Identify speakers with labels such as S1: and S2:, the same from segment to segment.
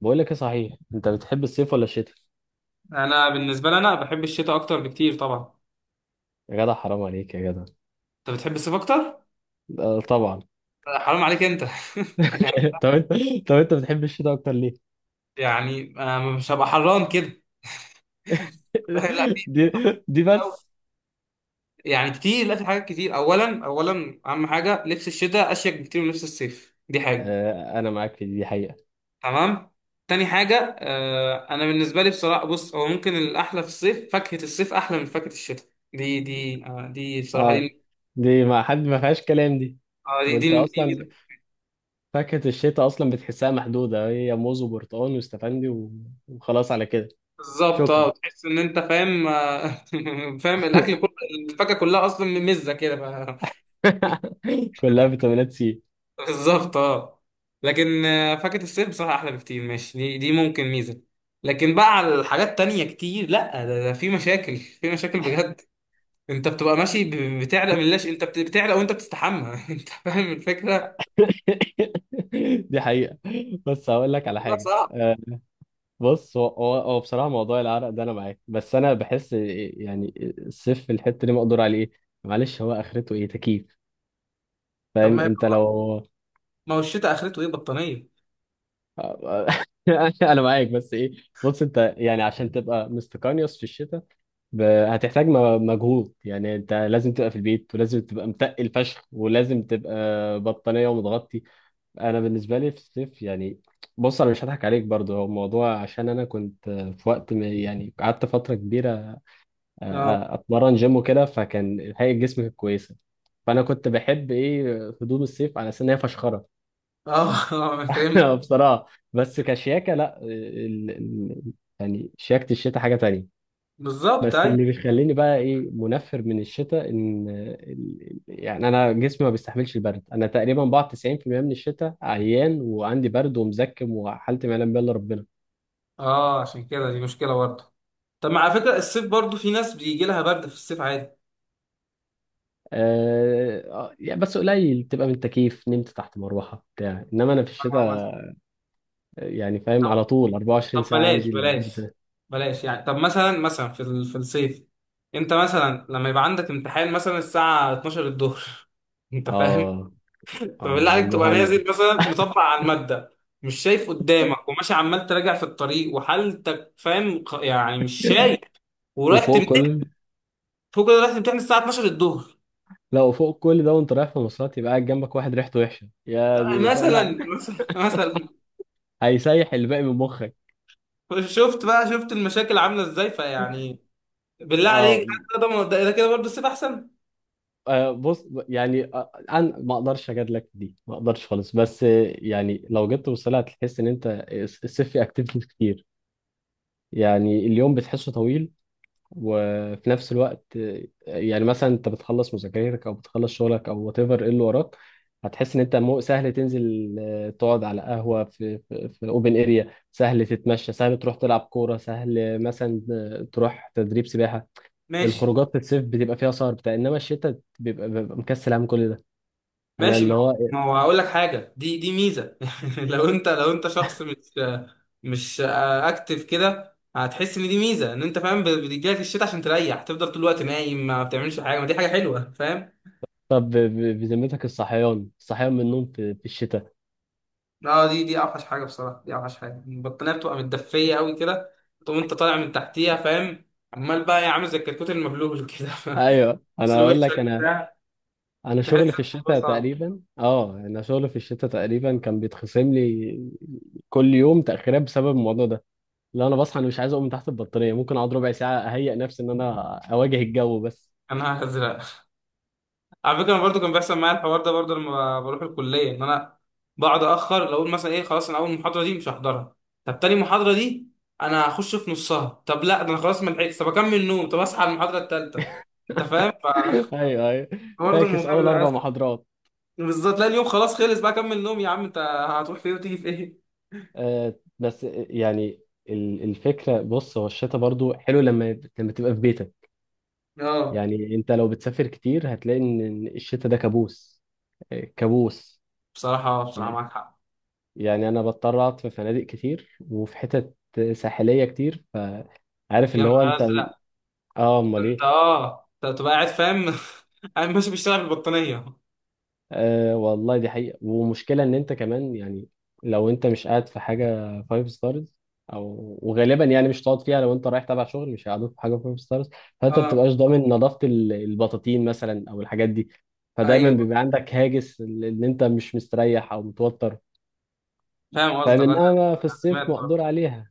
S1: بقول لك ايه صحيح انت بتحب الصيف ولا الشتاء؟
S2: انا بالنسبه لي انا بحب الشتاء اكتر بكتير طبعا.
S1: يا جدع حرام عليك يا جدع.
S2: انت بتحب الصيف اكتر؟
S1: آه، طبعا.
S2: حرام عليك انت.
S1: طب انت طب انت بتحب الشتاء اكتر ليه؟
S2: يعني أنا مش هبقى حران كده. لا، في في
S1: دي دي
S2: طبعاً.
S1: بس.
S2: يعني كتير، لا، في حاجات كتير. اولا اهم حاجه لبس الشتاء اشيك بكتير من لبس الصيف، دي حاجه.
S1: آه، انا معاك في دي حقيقة.
S2: تمام. تاني حاجه، انا بالنسبه لي بصراحه، بص، هو ممكن الاحلى في الصيف فاكهه الصيف احلى من فاكهه الشتاء. دي دي بصراحه
S1: اه،
S2: دي.
S1: دي ما حد ما فيهاش كلام دي.
S2: آه، دي
S1: وانت
S2: دي
S1: اصلا
S2: دي,
S1: فاكهة الشتاء اصلا بتحسها محدودة، هي موز وبرتقال واستفندي وخلاص على كده.
S2: بالظبط. اه
S1: شكرا.
S2: تحس ان انت فاهم. فاهم الاكل كله، الفاكهه كلها اصلا مزه كده
S1: كلها فيتامينات سي.
S2: بالظبط اه. لكن فاكهه الصيف بصراحه احلى بكتير، ماشي، دي ممكن ميزه. لكن بقى على الحاجات تانية كتير، لا، ده في مشاكل في مشاكل بجد. انت بتبقى ماشي، بتعرق من اللاش، انت بتعرق وانت بتستحمى. انت فاهم الفكره.
S1: دي حقيقة. بس هقول لك على
S2: لا
S1: حاجة.
S2: صعب.
S1: بص هو بصراحة موضوع العرق ده أنا معاك، بس أنا بحس يعني الصيف في الحتة دي مقدور عليه. إيه معلش، هو آخرته إيه؟ تكييف.
S2: طب،
S1: فاهم
S2: ما
S1: أنت؟ لو
S2: ما هو الشتاء اخرته ايه؟ بطانيه.
S1: أنا معاك، بس إيه؟ بص أنت يعني عشان تبقى مستقانيوس في الشتاء هتحتاج مجهود. يعني أنت لازم تبقى في البيت، ولازم تبقى متقل فشخ، ولازم تبقى بطانية ومتغطي. أنا بالنسبة لي في الصيف يعني، بص أنا مش هضحك عليك برضو، هو الموضوع عشان أنا كنت في وقت يعني قعدت فترة كبيرة،
S2: اه.
S1: اتمرن جيم وكده، فكان هيئه جسمي كانت كويسه. فانا كنت بحب ايه؟ هدوم الصيف على اساس ان هي فشخره.
S2: اه. اه فهمت.
S1: بصراحه، بس كشياكه لا يعني شياكه الشتاء حاجه تانية.
S2: بالظبط
S1: بس
S2: ايوه.
S1: اللي بيخليني بقى ايه منفر من الشتاء ان يعني انا جسمي ما بيستحملش البرد. انا تقريبا بقعد 90% من الشتاء عيان وعندي برد ومزكم، وحالتي ما يعلم بها الا ربنا.
S2: اه، عشان كده دي مشكله برضه. طب، ما على فكرة الصيف برضو في ناس بيجي لها برد في الصيف عادي.
S1: يعني بس قليل، بتبقى من تكييف نمت تحت مروحه بتاع، انما انا في
S2: آه،
S1: الشتاء
S2: مثلا.
S1: يعني فاهم على
S2: طب
S1: طول
S2: طب،
S1: 24 ساعة
S2: بلاش
S1: عندي البرد
S2: بلاش.
S1: ده.
S2: بلاش يعني، طب مثلا في في الصيف، انت مثلا لما يبقى عندك امتحان مثلا الساعة 12 الظهر. انت فاهم؟
S1: اه.
S2: فبالله
S1: اه
S2: عليك تبقى
S1: جهنم.
S2: نازل مثلا، مطبق على المادة، مش شايف قدامك، وماشي عمال تراجع في الطريق، وحالتك فاهم، يعني مش شايف، ورايح
S1: وفوق
S2: تمتحن.
S1: كل...
S2: فوق كده رايح تمتحن الساعة 12 الظهر.
S1: لا، وفوق كل ده وانت رايح في مواصلات يبقى قاعد جنبك واحد ريحته وحشة، يا دي! فاهم يعني؟
S2: مثلا.
S1: هيسيح الباقي من مخك.
S2: شفت بقى، شفت المشاكل عاملة ازاي؟ فيعني بالله عليك،
S1: اه.
S2: ده كده برضه السيف احسن.
S1: بص يعني، انا ما اقدرش اجادلك في دي، ما اقدرش خالص، بس يعني لو جيت توصلها هتحس ان انت الصيف فيه اكتيفيتيز كتير. يعني اليوم بتحسه طويل، وفي نفس الوقت يعني مثلا انت بتخلص مذاكرتك او بتخلص شغلك او وات ايفر ايه اللي وراك، هتحس ان انت مو سهل تنزل، تقعد على قهوه في اوبن اريا، سهل تتمشى، سهل تروح تلعب كوره، سهل مثلا تروح تدريب سباحه.
S2: ماشي.
S1: الخروجات في الصيف بتبقى فيها سهر بتاع، انما الشتاء بيبقى مكسل عن كل ده. انا
S2: ماشي.
S1: اللي
S2: ما هو
S1: هو
S2: ما
S1: إيه؟
S2: هو هقول لك حاجه، دي ميزه. لو انت شخص مش اكتف كده، هتحس ان دي ميزه، ان انت فاهم، بتجيلك الشتاء عشان تريح، تفضل طول الوقت نايم ما بتعملش حاجه، ما دي حاجه حلوه، فاهم.
S1: طب بذمتك، الصحيان الصحيان من النوم في الشتاء؟
S2: اه، دي اوحش حاجه بصراحه، دي اوحش حاجه. البطانيه بتبقى متدفيه قوي كده، تقوم انت طالع من تحتيها، فاهم؟ عمال بقى يا عامل زي الكتكوت المبلول كده.
S1: ايوه.
S2: بس
S1: انا اقول لك،
S2: وشك بتاع، تحس الموضوع صعب.
S1: انا شغل في الشتاء تقريبا كان بيتخصم لي كل يوم تاخيرات بسبب الموضوع ده. لا، انا بصحى، انا مش عايز اقوم من تحت البطاريه. ممكن اقعد ربع ساعه اهيئ نفسي ان انا اواجه الجو بس.
S2: انا هزرق. على فكره انا برضو كان بيحصل معايا الحوار ده برضو، لما بروح الكليه، ان انا بقعد اخر، لو اقول مثلا ايه، خلاص انا اول محاضره دي مش هحضرها. طب تاني محاضره دي انا هخش في نصها. طب لا، ده انا خلاص ما لحقتش، طب اكمل نوم، طب اصحى على المحاضره الثالثه. انت فاهم؟
S1: ايوه، ايوه.
S2: فبرضه
S1: فاكس
S2: الموضوع
S1: اول
S2: بيبقى
S1: اربع
S2: أسهل.
S1: محاضرات
S2: بالظبط. لا، اليوم خلاص، خلص بقى كمل نوم يا عم انت، هتروح فين وتيجي في ايه؟
S1: بس يعني، الفكره، بص هو الشتاء برضو حلو لما تبقى في بيتك.
S2: اه
S1: يعني انت لو بتسافر كتير هتلاقي إن الشتاء ده كابوس، آه كابوس.
S2: بصراحه بصراحه معاك حق.
S1: يعني انا بضطر اقعد في فنادق كتير وفي حتت ساحليه كتير، فعارف
S2: يا
S1: اللي هو
S2: نهار
S1: انت.
S2: ازرق.
S1: اه،
S2: ده
S1: امال
S2: انت،
S1: ايه؟
S2: انت تبقى قاعد فاهم. قاعد ماشي بيشتغل بالبطانيه.
S1: آه والله دي حقيقه. ومشكله ان انت كمان يعني لو انت مش قاعد في حاجه فايف ستارز، او وغالبا يعني مش هتقعد فيها، لو انت رايح تبع شغل مش هيقعدوك في حاجه فايف ستارز. فانت ما
S2: اه
S1: بتبقاش ضامن نظافه البطاطين مثلا او الحاجات دي، فدايما
S2: ايوه
S1: بيبقى عندك هاجس ان انت مش مستريح او متوتر.
S2: فاهم
S1: فمن
S2: قصدك. انا
S1: انما في
S2: سمعت
S1: الصيف مقدور
S2: برضه.
S1: عليها.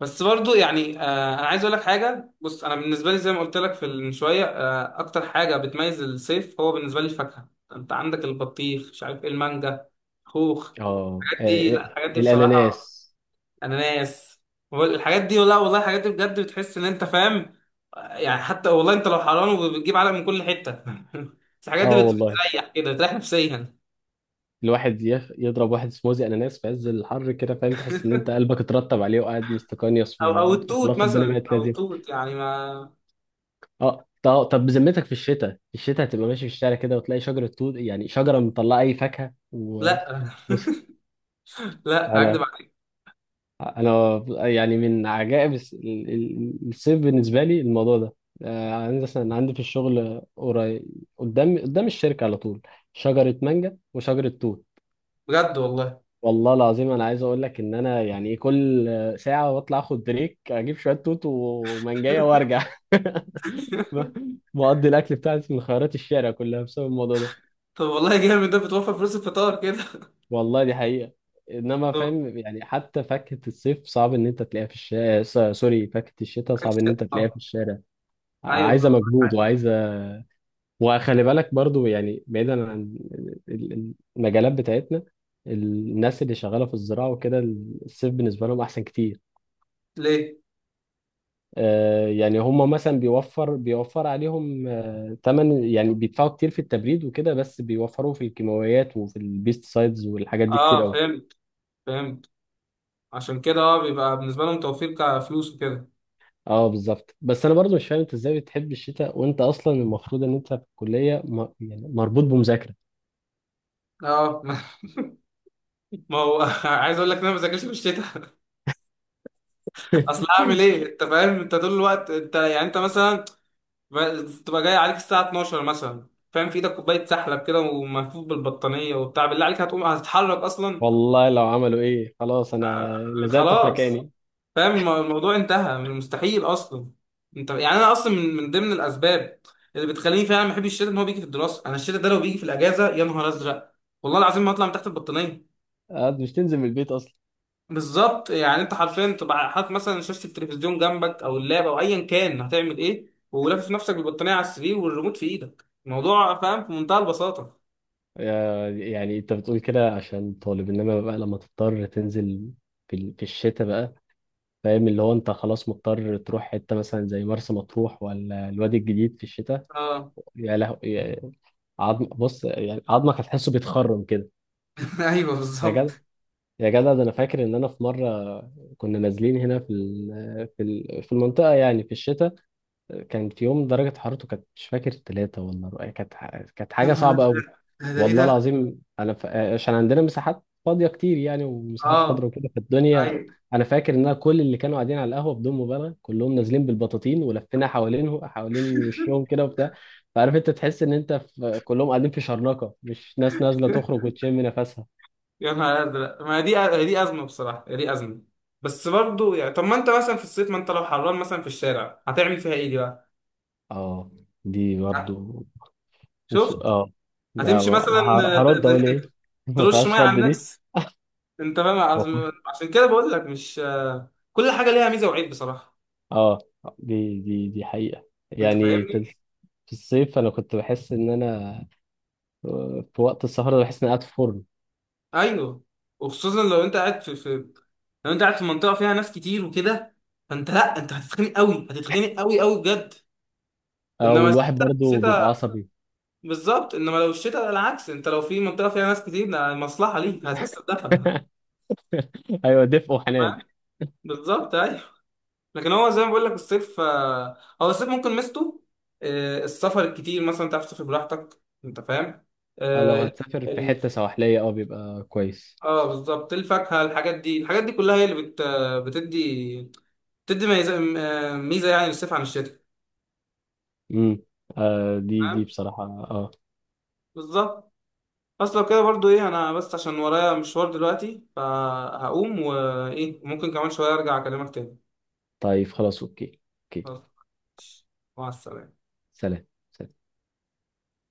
S2: بس برضو يعني انا عايز اقول لك حاجه. بص، انا بالنسبه لي، زي ما قلت لك في من شويه، اكتر حاجه بتميز الصيف هو بالنسبه لي الفاكهه. انت عندك البطيخ، مش عارف ايه، المانجا، خوخ.
S1: اه.
S2: الحاجات دي،
S1: آه،
S2: لا، الحاجات دي بصراحه،
S1: الاناناس.
S2: اناناس. هو الحاجات دي، لا والله، الحاجات دي بجد بتحس ان انت فاهم. يعني حتى والله انت لو حران وبتجيب علق من كل حته. بس الحاجات دي
S1: اه والله،
S2: بتريح كده، بتريح نفسيا.
S1: الواحد يضرب واحد سموزي اناناس في عز الحر كده، فاهم؟ تحس ان انت قلبك اترطب عليه، وقاعد مستقنيص،
S2: او التوت
S1: وخلاص الدنيا
S2: مثلا،
S1: بقت
S2: او
S1: لذيذه.
S2: التوت يعني ما.
S1: اه طب بذمتك، في الشتاء هتبقى ماشي في الشارع كده وتلاقي شجره توت؟ يعني شجره مطلعه اي فاكهه
S2: لا،
S1: بص،
S2: لا
S1: انا
S2: هكدب عليك.
S1: انا يعني من عجائب الصيف بالنسبه لي الموضوع ده. آه، عندي مثلا، عندي في الشغل قريب، قدام الشركه على طول، شجره مانجا وشجره توت.
S2: بجد والله.
S1: والله العظيم انا عايز اقول لك ان انا يعني إيه؟ كل ساعه بطلع اخد بريك، اجيب شويه توت ومانجايه وارجع. بقضي الاكل بتاعتي من خيارات الشارع كلها بسبب الموضوع ده.
S2: طب والله جامد، ده بتوفر فلوس الفطار كده.
S1: والله دي حقيقه. انما
S2: طب
S1: فاهم يعني حتى فاكهه الصيف صعب ان انت تلاقيها في الشارع، سوري، فاكهه الشتاء صعب ان انت تلاقيها في
S2: آه،
S1: الشارع،
S2: ايوه
S1: عايزه مجهود وعايزه. وخلي بالك برضو يعني بعيدا عن المجالات بتاعتنا، الناس اللي شغاله في الزراعه وكده، الصيف بالنسبه لهم احسن كتير.
S2: ليه؟
S1: آه، يعني هم مثلا بيوفر عليهم آه تمن، يعني بيدفعوا كتير في التبريد وكده، بس بيوفروا في الكيماويات وفي البيست سايدز والحاجات دي كتير
S2: اه
S1: قوي.
S2: فهمت. فهمت. عشان كده اه، بيبقى بالنسبه لهم توفير كفلوس وكده.
S1: اه بالظبط. بس انا برضو مش فاهم انت ازاي بتحب الشتاء وانت اصلا المفروض ان انت في الكليه يعني مربوط بمذاكره.
S2: اه. ما هو عايز اقول لك ان انا ما بذاكرش في الشتاء. اصل هعمل ايه؟ انت فاهم، انت طول الوقت، انت يعني انت مثلا تبقى جاي عليك الساعه 12 مثلا، فاهم؟ في ايدك كوبايه سحلب كده وملفوف بالبطانيه وبتاع، بالله عليك هتقوم؟ هتتحرك اصلا؟
S1: والله لو عملوا ايه خلاص،
S2: آه،
S1: انا لزقت في
S2: خلاص.
S1: مكاني.
S2: فاهم الموضوع انتهى، مستحيل اصلا. انت يعني، انا اصلا من ضمن الاسباب اللي بتخليني فعلا ما احبش الشتاء ان هو بيجي في الدراسه. انا الشتاء ده لو بيجي في الاجازه، يا نهار ازرق، والله العظيم ما اطلع من تحت البطانيه.
S1: آه، مش تنزل من البيت اصلا.
S2: بالظبط. يعني انت حرفيا تبقى حاطط مثلا شاشه التلفزيون جنبك او اللاب او ايا كان، هتعمل ايه، ولافف نفسك بالبطانيه على السرير والريموت في ايدك، الموضوع فاهم في منتهى البساطه.
S1: آه، يعني انت بتقول كده عشان طالب، انما بقى لما تضطر تنزل في الشتاء بقى، فاهم؟ اللي هو انت خلاص مضطر تروح حتة مثلا زي مرسى مطروح ولا الوادي الجديد في الشتاء،
S2: اه.
S1: يا لهو! عظم، بص يعني عظمك هتحسه بيتخرم كده.
S2: ايوه
S1: يا جدع،
S2: بالظبط.
S1: يا جدع، ده انا فاكر ان انا في مرة كنا نازلين هنا في المنطقة يعني في الشتاء، كان في يوم درجة حرارته كانت مش فاكر 3 ولا كانت كانت
S2: يا
S1: حاجة
S2: نهار
S1: صعبة
S2: ازرق،
S1: قوي.
S2: ده ايه
S1: والله
S2: ده؟
S1: العظيم انا عشان عندنا مساحات فاضيه كتير يعني، ومساحات خضراء
S2: اه
S1: وكده في الدنيا،
S2: ايوه.
S1: انا فاكر ان أنا كل اللي كانوا قاعدين على القهوه بدون مبالغه كلهم نازلين بالبطاطين، ولفينا حوالين وشهم كده وبتاع. فعارف انت تحس ان انت كلهم قاعدين في شرنقه، مش ناس نازله تخرج وتشم نفسها.
S2: يا نهار ازرق، ما دي ازمه بصراحه، دي ازمه. بس برضو يعني، طب ما انت مثلا في الصيف، ما انت لو حران مثلا في الشارع، هتعمل فيها ايه دي بقى؟
S1: اه، دي
S2: ه-
S1: برضو.
S2: شفت.
S1: اه لا،
S2: هتمشي
S1: ما
S2: مثلا،
S1: هرد اقول ايه؟
S2: ت-
S1: ما
S2: ترش ميه
S1: فيهاش
S2: على
S1: رد دي.
S2: الناس، انت فاهم. عشان كده بقول لك، مش كل حاجه ليها ميزه وعيب بصراحه.
S1: اه، دي حقيقه.
S2: انت
S1: يعني
S2: فاهمني.
S1: في الصيف انا كنت بحس ان انا في وقت السهرة بحس إني قاعد في فرن.
S2: ايوه. وخصوصا لو انت قاعد في منطقه فيها ناس كتير وكده، فانت لا، انت هتتخنق قوي، هتتخنق قوي قوي بجد.
S1: أو
S2: انما
S1: الواحد برضه بيبقى
S2: الشتاء،
S1: عصبي.
S2: بالظبط، انما لو الشتاء على العكس، انت لو في منطقه فيها ناس كتير ده مصلحه ليك، هتحس بدفى ده،
S1: أيوة، دفء
S2: تمام.
S1: وحنان.
S2: بالظبط ايوه. لكن هو زي ما بقول لك، الصيف هو الصيف ممكن ميزته، السفر الكتير مثلا، تعرف تسافر براحتك، انت فاهم.
S1: أو لو
S2: اه
S1: هتسافر في
S2: ال-
S1: حتة سواحلية بيبقى كويس.
S2: بالظبط الفاكهه، الحاجات دي الحاجات دي كلها هي اللي بتدي بتدي ميزه يعني، للصيف عن الشتاء.
S1: امم، آه، دي
S2: تمام
S1: بصراحة.
S2: بالظبط. بس لو كده برضو ايه، انا بس عشان ورايا مشوار دلوقتي فهقوم، وايه ممكن كمان شويه ارجع اكلمك تاني.
S1: طيب خلاص، أوكي. أوكي.
S2: خلاص. مع السلامة.
S1: سلام.